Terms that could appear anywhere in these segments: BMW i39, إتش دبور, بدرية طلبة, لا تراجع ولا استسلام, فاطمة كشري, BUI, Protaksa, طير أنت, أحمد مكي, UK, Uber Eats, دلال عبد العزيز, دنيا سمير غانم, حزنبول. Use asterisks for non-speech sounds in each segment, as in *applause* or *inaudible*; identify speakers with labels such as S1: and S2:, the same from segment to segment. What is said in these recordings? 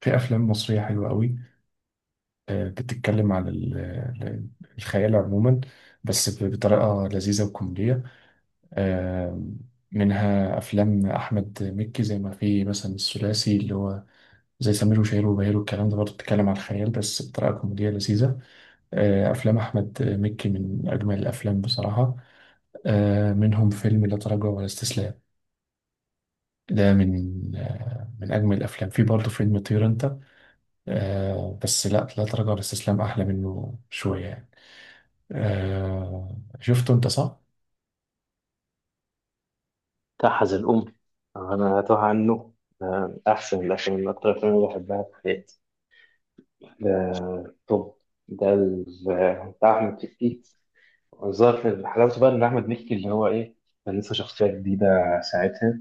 S1: في افلام مصريه حلوه قوي. آه، بتتكلم عن الخيال عموما. بس بطريقه لذيذه وكوميديه. آه، منها افلام احمد مكي، زي ما في مثلا الثلاثي اللي هو زي سمير وشهير وبهير، والكلام ده برضه بتتكلم على الخيال بس بطريقة كوميدية لذيذة. آه، أفلام أحمد مكي من أجمل الأفلام بصراحة. آه، منهم فيلم لا تراجع ولا استسلام. ده من من أجمل الأفلام. في برضه فيلم طير أنت. آه، بس لا تراجع ولا استسلام احلى منه شويه يعني. آه، شفته انت؟ صح.
S2: تحز الأم. أنا أتوه عنه. أحسن الأفلام، من أكتر الأفلام اللي بحبها في حياتي. طب، ده بتاع أحمد مكي. ظهر في حلاوته بقى إن أحمد مكي اللي هو إيه، كان لسه شخصية جديدة ساعتها.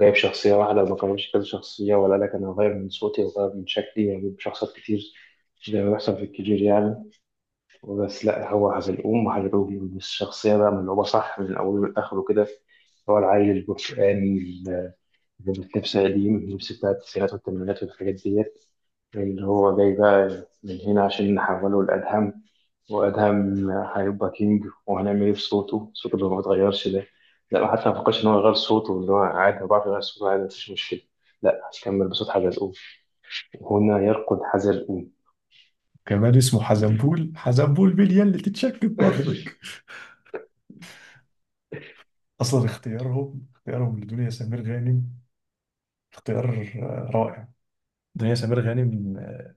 S2: جايب شخصية واحدة، ما كانش كذا شخصية ولا لك أنا هغير من صوتي وغير من شكلي وأجيب شخصيات كتير، زي ما بيحصل في الكبير يعني. بس لا، هو حزلقوم، وحزلقوم الشخصية بقى ملعوبة صح من أوله لآخره كده. هو العيل البرتقاني. اللبس قديم، اللبس بتاع التسعينات والثمانينات والحاجات ديت. اللي هو جاي بقى من هنا عشان نحوله لأدهم، وأدهم هيبقى كينج. وهنعمل إيه بصوته؟ صوته اللي ما بيتغيرش ده، لا، ما حتى ما فكرش إن هو يغير صوته، اللي هو عادي، هو بيعرف يغير صوته عادي، مفيش مشكلة. لا، هكمل بصوت حزلقوم. هنا يرقد حزلقوم.
S1: كمان اسمه حزنبول، حزنبول باليا اللي تتشك في بطنك. اصلا اختيارهم لدنيا سمير غانم. اختيار رائع. دنيا سمير غانم.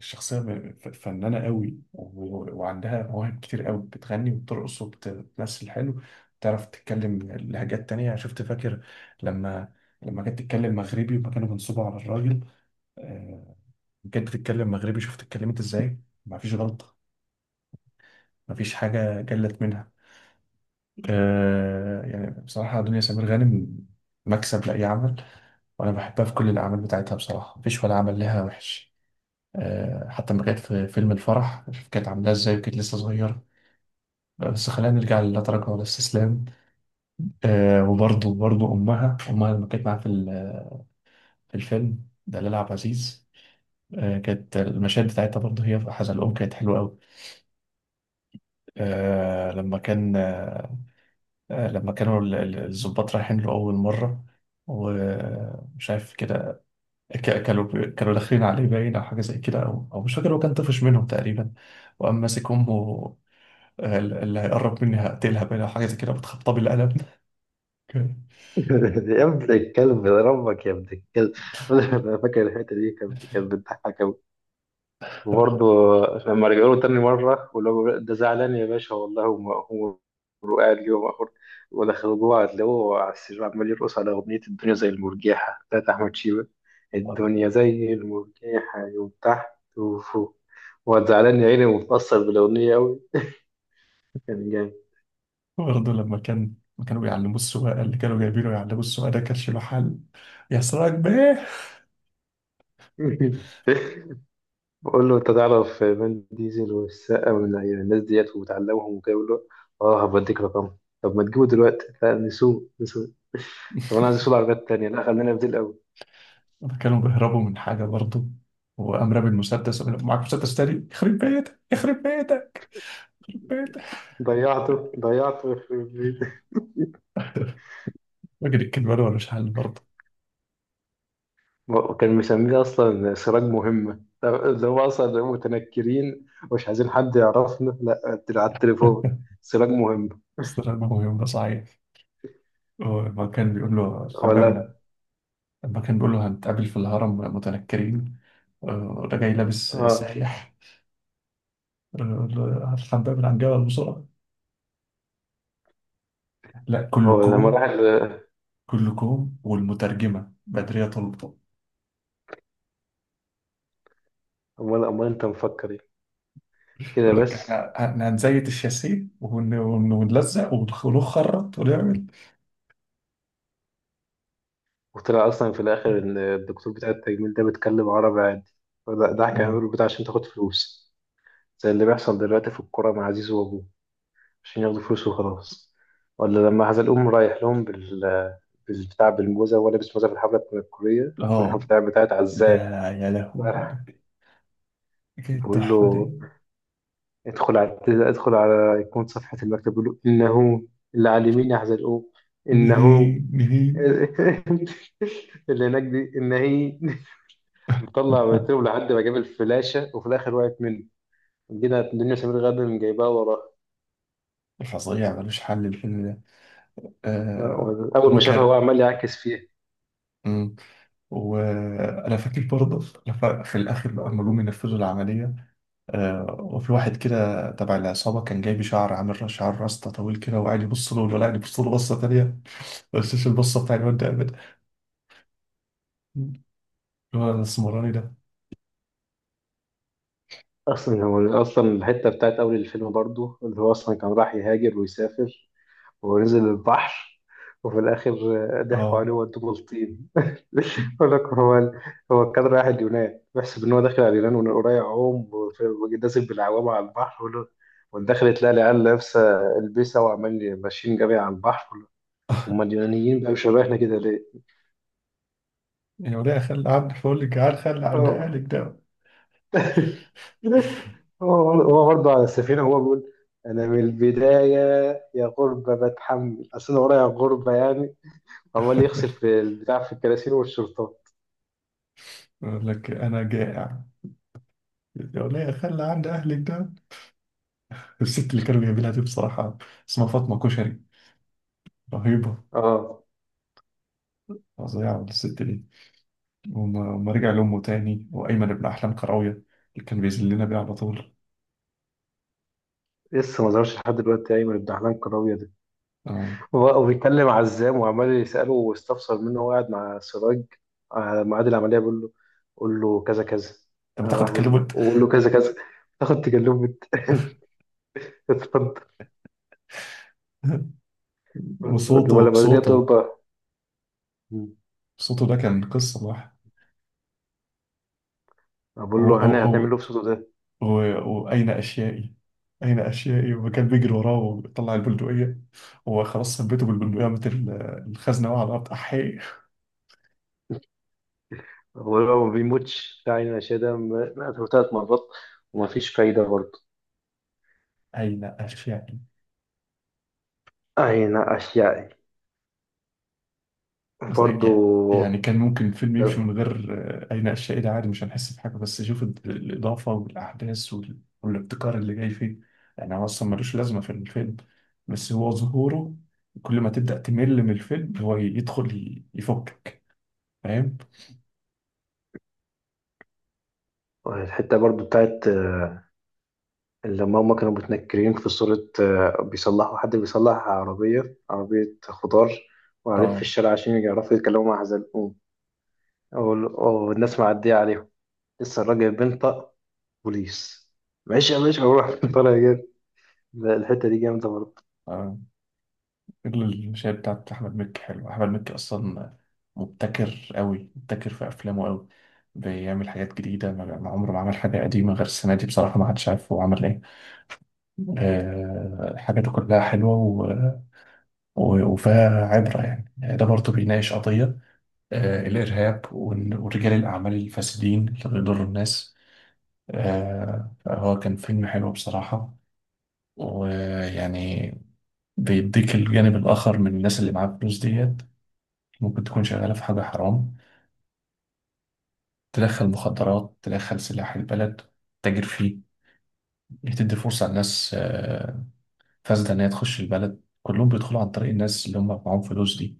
S1: شخصيه فنانه قوي، وعندها مواهب كتير قوي، بتغني وبترقص وبتمثل حلو. بتعرف تتكلم لهجات تانية. شفت؟ فاكر؟ لما لما كانت تتكلم مغربي، وما كانوا بينصبوا على الراجل. آه، بجد تتكلم مغربي. شوف اتكلمت ازاي. مفيش غلطة. مفيش حاجة جلت منها. آه، يعني بصراحة دنيا سمير غانم مكسب لأي عمل. وأنا بحبها في كل الأعمال بتاعتها بصراحة. مفيش ولا عمل لها وحش. آه، حتى لما كانت في فيلم الفرح، شوف كانت عاملاها ازاي، وكانت لسه صغيرة. بس خلينا نرجع للا تراجع ولا استسلام. آه، وبرضه برضه أمها لما كانت معاها في في الفيلم دلال عبد العزيز. آه، كانت المشاهد بتاعتها برضه، هي في حزن الأم، كانت حلوة أوي. آه، لما كان، آه، لما كانوا الضباط رايحين له أول مرة، ومش عارف كده، كانوا كانوا داخلين عليه، باين، أو حاجة زي كده، أو مش فاكر، هو كان طفش منهم تقريبا، وقام ماسك أمه. آه، اللي هيقرب مني هقتلها، باين، أو حاجة زي كده، بتخبطها بالقلم.
S2: *laughs* يا ابن الكلب يا ربك، يا ابن الكلب. *laughs* انا فاكر الحته دي كانت
S1: *laughs*
S2: بتضحك قوي. وبرضه لما رجعوا له تاني مره، واللي هو بيقول ده زعلان يا باشا والله، هو هو. وقاعد اليوم اخر، ودخلوا جوه هتلاقوه على السرير عمال يرقص على اغنيه الدنيا زي المرجحه بتاعت احمد شيبه. الدنيا زي المرجحه، يوم تحت وفوق. وقعد زعلان يا عيني، ومتأثر بالاغنيه قوي. كان جامد.
S1: برضه لما كانوا بيعلموا السواقة، اللي كانوا جايبينه يعلموا السواقة ده، كانش له حل. يا سراج بيه.
S2: *laughs* بقول له انت تعرف فان ديزل والسقا والناس ديت وبتعلمهم وكده، بيقول له اه هبديك رقمهم. طب ما تجيبه دلوقتي؟ لا، نسوق نسوق. طب انا
S1: *laughs*
S2: عايز اسوق عربيات تانية. لا، خلينا في دي الاول.
S1: لما كانوا بيهربوا من حاجة برضه، وقام رامي المسدس وقال له، معاك مسدس تاني؟ يخرب بيتك، يخرب بيتك. بيت
S2: ضيعته ضيعته. *laughs*
S1: فاكر الكلمة ولا مش حل برضه؟
S2: وكان مسميه اصلا سراج مهمه، اللي هو اصلا متنكرين ومش عايزين حد يعرفنا، لا، على التليفون.
S1: *laughs*
S2: سراج مهم.
S1: استغرب، ما هو يوم ده صعيد. لما كان بيقول له حبابنا.
S2: ولا
S1: لما كان بيقول له، هنتقابل في الهرم متنكرين. آه، ده جاي لابس
S2: اه.
S1: سايح. آه، الحباب عن جبل بسرعة. لا،
S2: هو لما
S1: كلكم.
S2: راح
S1: كلكم، والمترجمة بدرية طلبة.
S2: امال انت مفكر ايه؟ كده
S1: يقول لك،
S2: بس.
S1: احنا هنزيت الشاسيه ونلزق ونخرط ونعمل.
S2: وطلع اصلا في الاخر ان الدكتور بتاع التجميل ده بيتكلم عربي عادي، فده
S1: مم.
S2: كان بتاع عشان تاخد فلوس، زي اللي بيحصل دلوقتي في الكوره مع عزيز وابوه، عشان ياخدوا فلوس وخلاص. ولا لما هذا الأم رايح لهم بالبتاع، بالموزة، ولا لابس موزة في الحفلة بتاعت الكورية، *laughs*
S1: اه،
S2: البتاع بتاعت
S1: ده
S2: عزام.
S1: يا لهوي، ده كانت
S2: بقول له
S1: تحفة دي.
S2: ادخل على ادخل على يكون صفحة المكتب، بقول له إنه اللي على اليمين هذا الأم، إنه
S1: نهي نهي.
S2: *laughs* اللي هناك دي إن هي. مطلع ويترب لحد ما جاب الفلاشة وفي الآخر وقعت منه. جينا الدنيا سمير غانم جايباها وراه.
S1: فظيع ملوش حل الفيلم ده. آه،
S2: أول ما شافها هو
S1: وكر.
S2: عمال يعكس فيها.
S1: مم. وانا فاكر برضه، في الاخر بقى لما جم ينفذوا العمليه، آه، وفي واحد كده تبع العصابه، كان جايب شعر، عامل شعر راستا طويل كده، وقاعد يبص له، ولا قاعد يبص له بصه تانيه. *laughs* بس مش البصه بتاع الواد ده ابدا، اللي هو الاسمراني ده.
S2: اصلا هو اصلا الحته بتاعت اول الفيلم برضو، اللي هو اصلا كان راح يهاجر ويسافر ونزل البحر، وفي الاخر ضحكوا
S1: اه،
S2: عليه وودوه بلطيم. *laughs* يقول لك هو كان رايح اليونان، بيحسب ان هو داخل على اليونان وإن قريب عوم، ونازل بالعوامه على البحر. ويقول له، ودخل تلاقي العيال لابسه البسه وعمال ماشيين جري على البحر، يقول له، هم اليونانيين بقى مش رايحنا كده ليه؟
S1: يا وليه خلي عندي، فقول لك جعان، خلي عند
S2: اه.
S1: اهلك ده.
S2: *laughs* هو برضه على السفينة هو بيقول أنا من البداية، يا غربة بتحمل أصل أنا ورايا غربة يعني. عمال يغسل
S1: *laughs*
S2: في البتاع، في الكراسي والشرطة.
S1: يقول لك انا جائع. يا وليه خلي عند اهلك. الست اللي كانوا جايبينها دي بصراحة، اسمها فاطمة كشري، رهيبة.
S2: اه.
S1: فظيعة الست دي. وما رجع لأمه تاني، وأيمن ابن أحلام كراوية، اللي كان بيذلنا بيه على طول.
S2: لسه ما ظهرش لحد دلوقتي أيمن الدحلان الكراوية ده.
S1: آه.
S2: وبيتكلم عزام وعمال يسأله واستفسر منه، وهو قاعد مع سراج على ميعاد العملية، بيقول له قول له كذا كذا.
S1: أنت
S2: أنا راح
S1: بتاخد
S2: بقول له،
S1: كلمة.
S2: وقول له كذا كذا. تاخد تكلمة. *laughs* اتفضل.
S1: *laughs* وصوته
S2: ولا بدرية
S1: صوته
S2: طلبة.
S1: صوته ده كان قصة لوحده.
S2: بقول
S1: أو
S2: له
S1: أو
S2: أنا هتعمل
S1: أو
S2: له في صوته ده.
S1: وأين أشيائي. أين أشيائي، وكان بيجري وراه وطلع البندقية. هو خلاص ثبته بالبندقية مثل الخزنة. وقع على الأرض، أحي.
S2: هو لو ما بيموتش فعلا أشياء مات ثلاث مرات، وما فيش فايدة برضه.
S1: أين أشيائي.
S2: أين أشيائي
S1: بس يعني
S2: برضه.
S1: كان ممكن الفيلم يمشي من غير آه، أي نقاش، عادي، عادي، مش هنحس بحاجة. بس شوف الإضافة والأحداث والابتكار اللي جاي فيه. يعني هو أصلا ملوش لازمة في الفيلم، بس هو ظهوره، كل ما تبدأ تمل من الفيلم هو يدخل يفكك. فاهم؟
S2: الحتة برضه بتاعت لما هما كانوا متنكرين في صورة بيصلحوا، حد بيصلح عربية خضار، وقاعدين في
S1: اه،
S2: الشارع عشان يعرفوا يتكلموا مع حزلقوم. أو الناس معدية عليهم، لسه الراجل بينطق بوليس، ماشي يا باشا، روح. *laughs* طالع جاي. لا، الحتة دي جامدة برضه.
S1: آه. غير الشاي بتاعت أحمد مكي حلو. أحمد مكي أصلا مبتكر أوي، مبتكر في أفلامه أوي. بيعمل حاجات جديدة، ما عمره ما عمل حاجة قديمة، غير السنة دي بصراحة ما حدش عارف هو عمل إيه. آه، حاجاته كلها حلوة وفيها عبرة يعني ده برضه بيناقش قضية، آه، الإرهاب، ورجال الأعمال الفاسدين اللي بيضروا الناس. آه، فهو كان فيلم حلو بصراحة. ويعني بيديك الجانب الآخر من الناس اللي معاها فلوس ديت، ممكن تكون شغالة في حاجة حرام، تدخل مخدرات، تدخل سلاح البلد، تتاجر فيه. بتدي فرصة لناس، فاسدة إن هي تخش البلد. كلهم بيدخلوا عن طريق الناس اللي هم معاهم فلوس دي.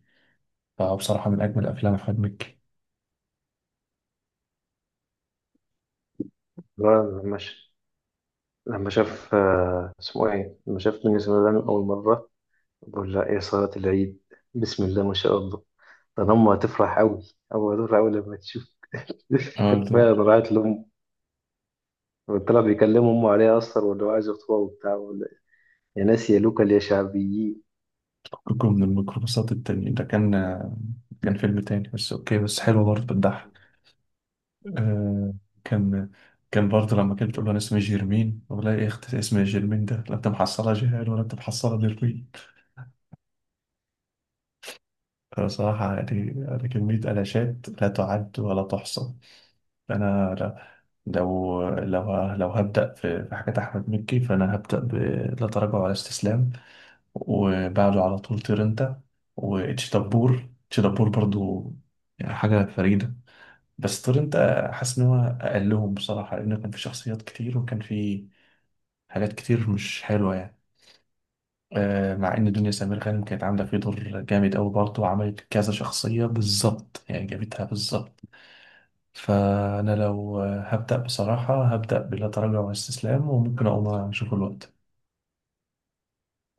S1: فبصراحة من أجمل أفلام أحمد مكي.
S2: لا، ماشي. لما شاف اسمه ايه، لما شاف من سلام اول مره، بقول لها ايه صلاه العيد، بسم الله ما شاء الله، ده أنا امه هتفرح قوي، او هتفرح قوي لما تشوف. *laughs*
S1: آه، ده
S2: فعلا راحت لامه، طلع بيكلم امه عليها اصلا، وانه عايز يخطبها وبتاع يا ناس يا لوكال يا شعبيين.
S1: فككم من الميكروباصات التانية، ده كان كان فيلم تاني، بس أوكي، بس حلو برضه، بتضحك. آه، كان كان برضه لما كانت بتقول له، أنا اسمي جيرمين، والله يا أختي اسمي جيرمين، ده لا أنت محصلة جهال ولا أنت محصلة ديرمين. أنا صراحة يعني أنا كمية ألاشات لا تعد ولا تحصى. أنا لو هبدأ في حاجات أحمد مكي، فأنا هبدأ ب لا تراجع ولا استسلام، وبعده على طول طير أنت، وإتش دبور، إتش دبور برضو، يعني حاجة فريدة. بس طير أنت، حاسس إن هو أقلهم بصراحة، لأن كان في شخصيات كتير وكان في حاجات كتير مش حلوة يعني. آه، مع ان دنيا سمير غانم كانت عامله فيه دور جامد قوي برضه، وعملت كذا شخصيه بالظبط، يعني جابتها بالظبط. فانا لو هبدا بصراحه، هبدا بلا تراجع ولا استسلام، وممكن اقوم اشوف الوقت.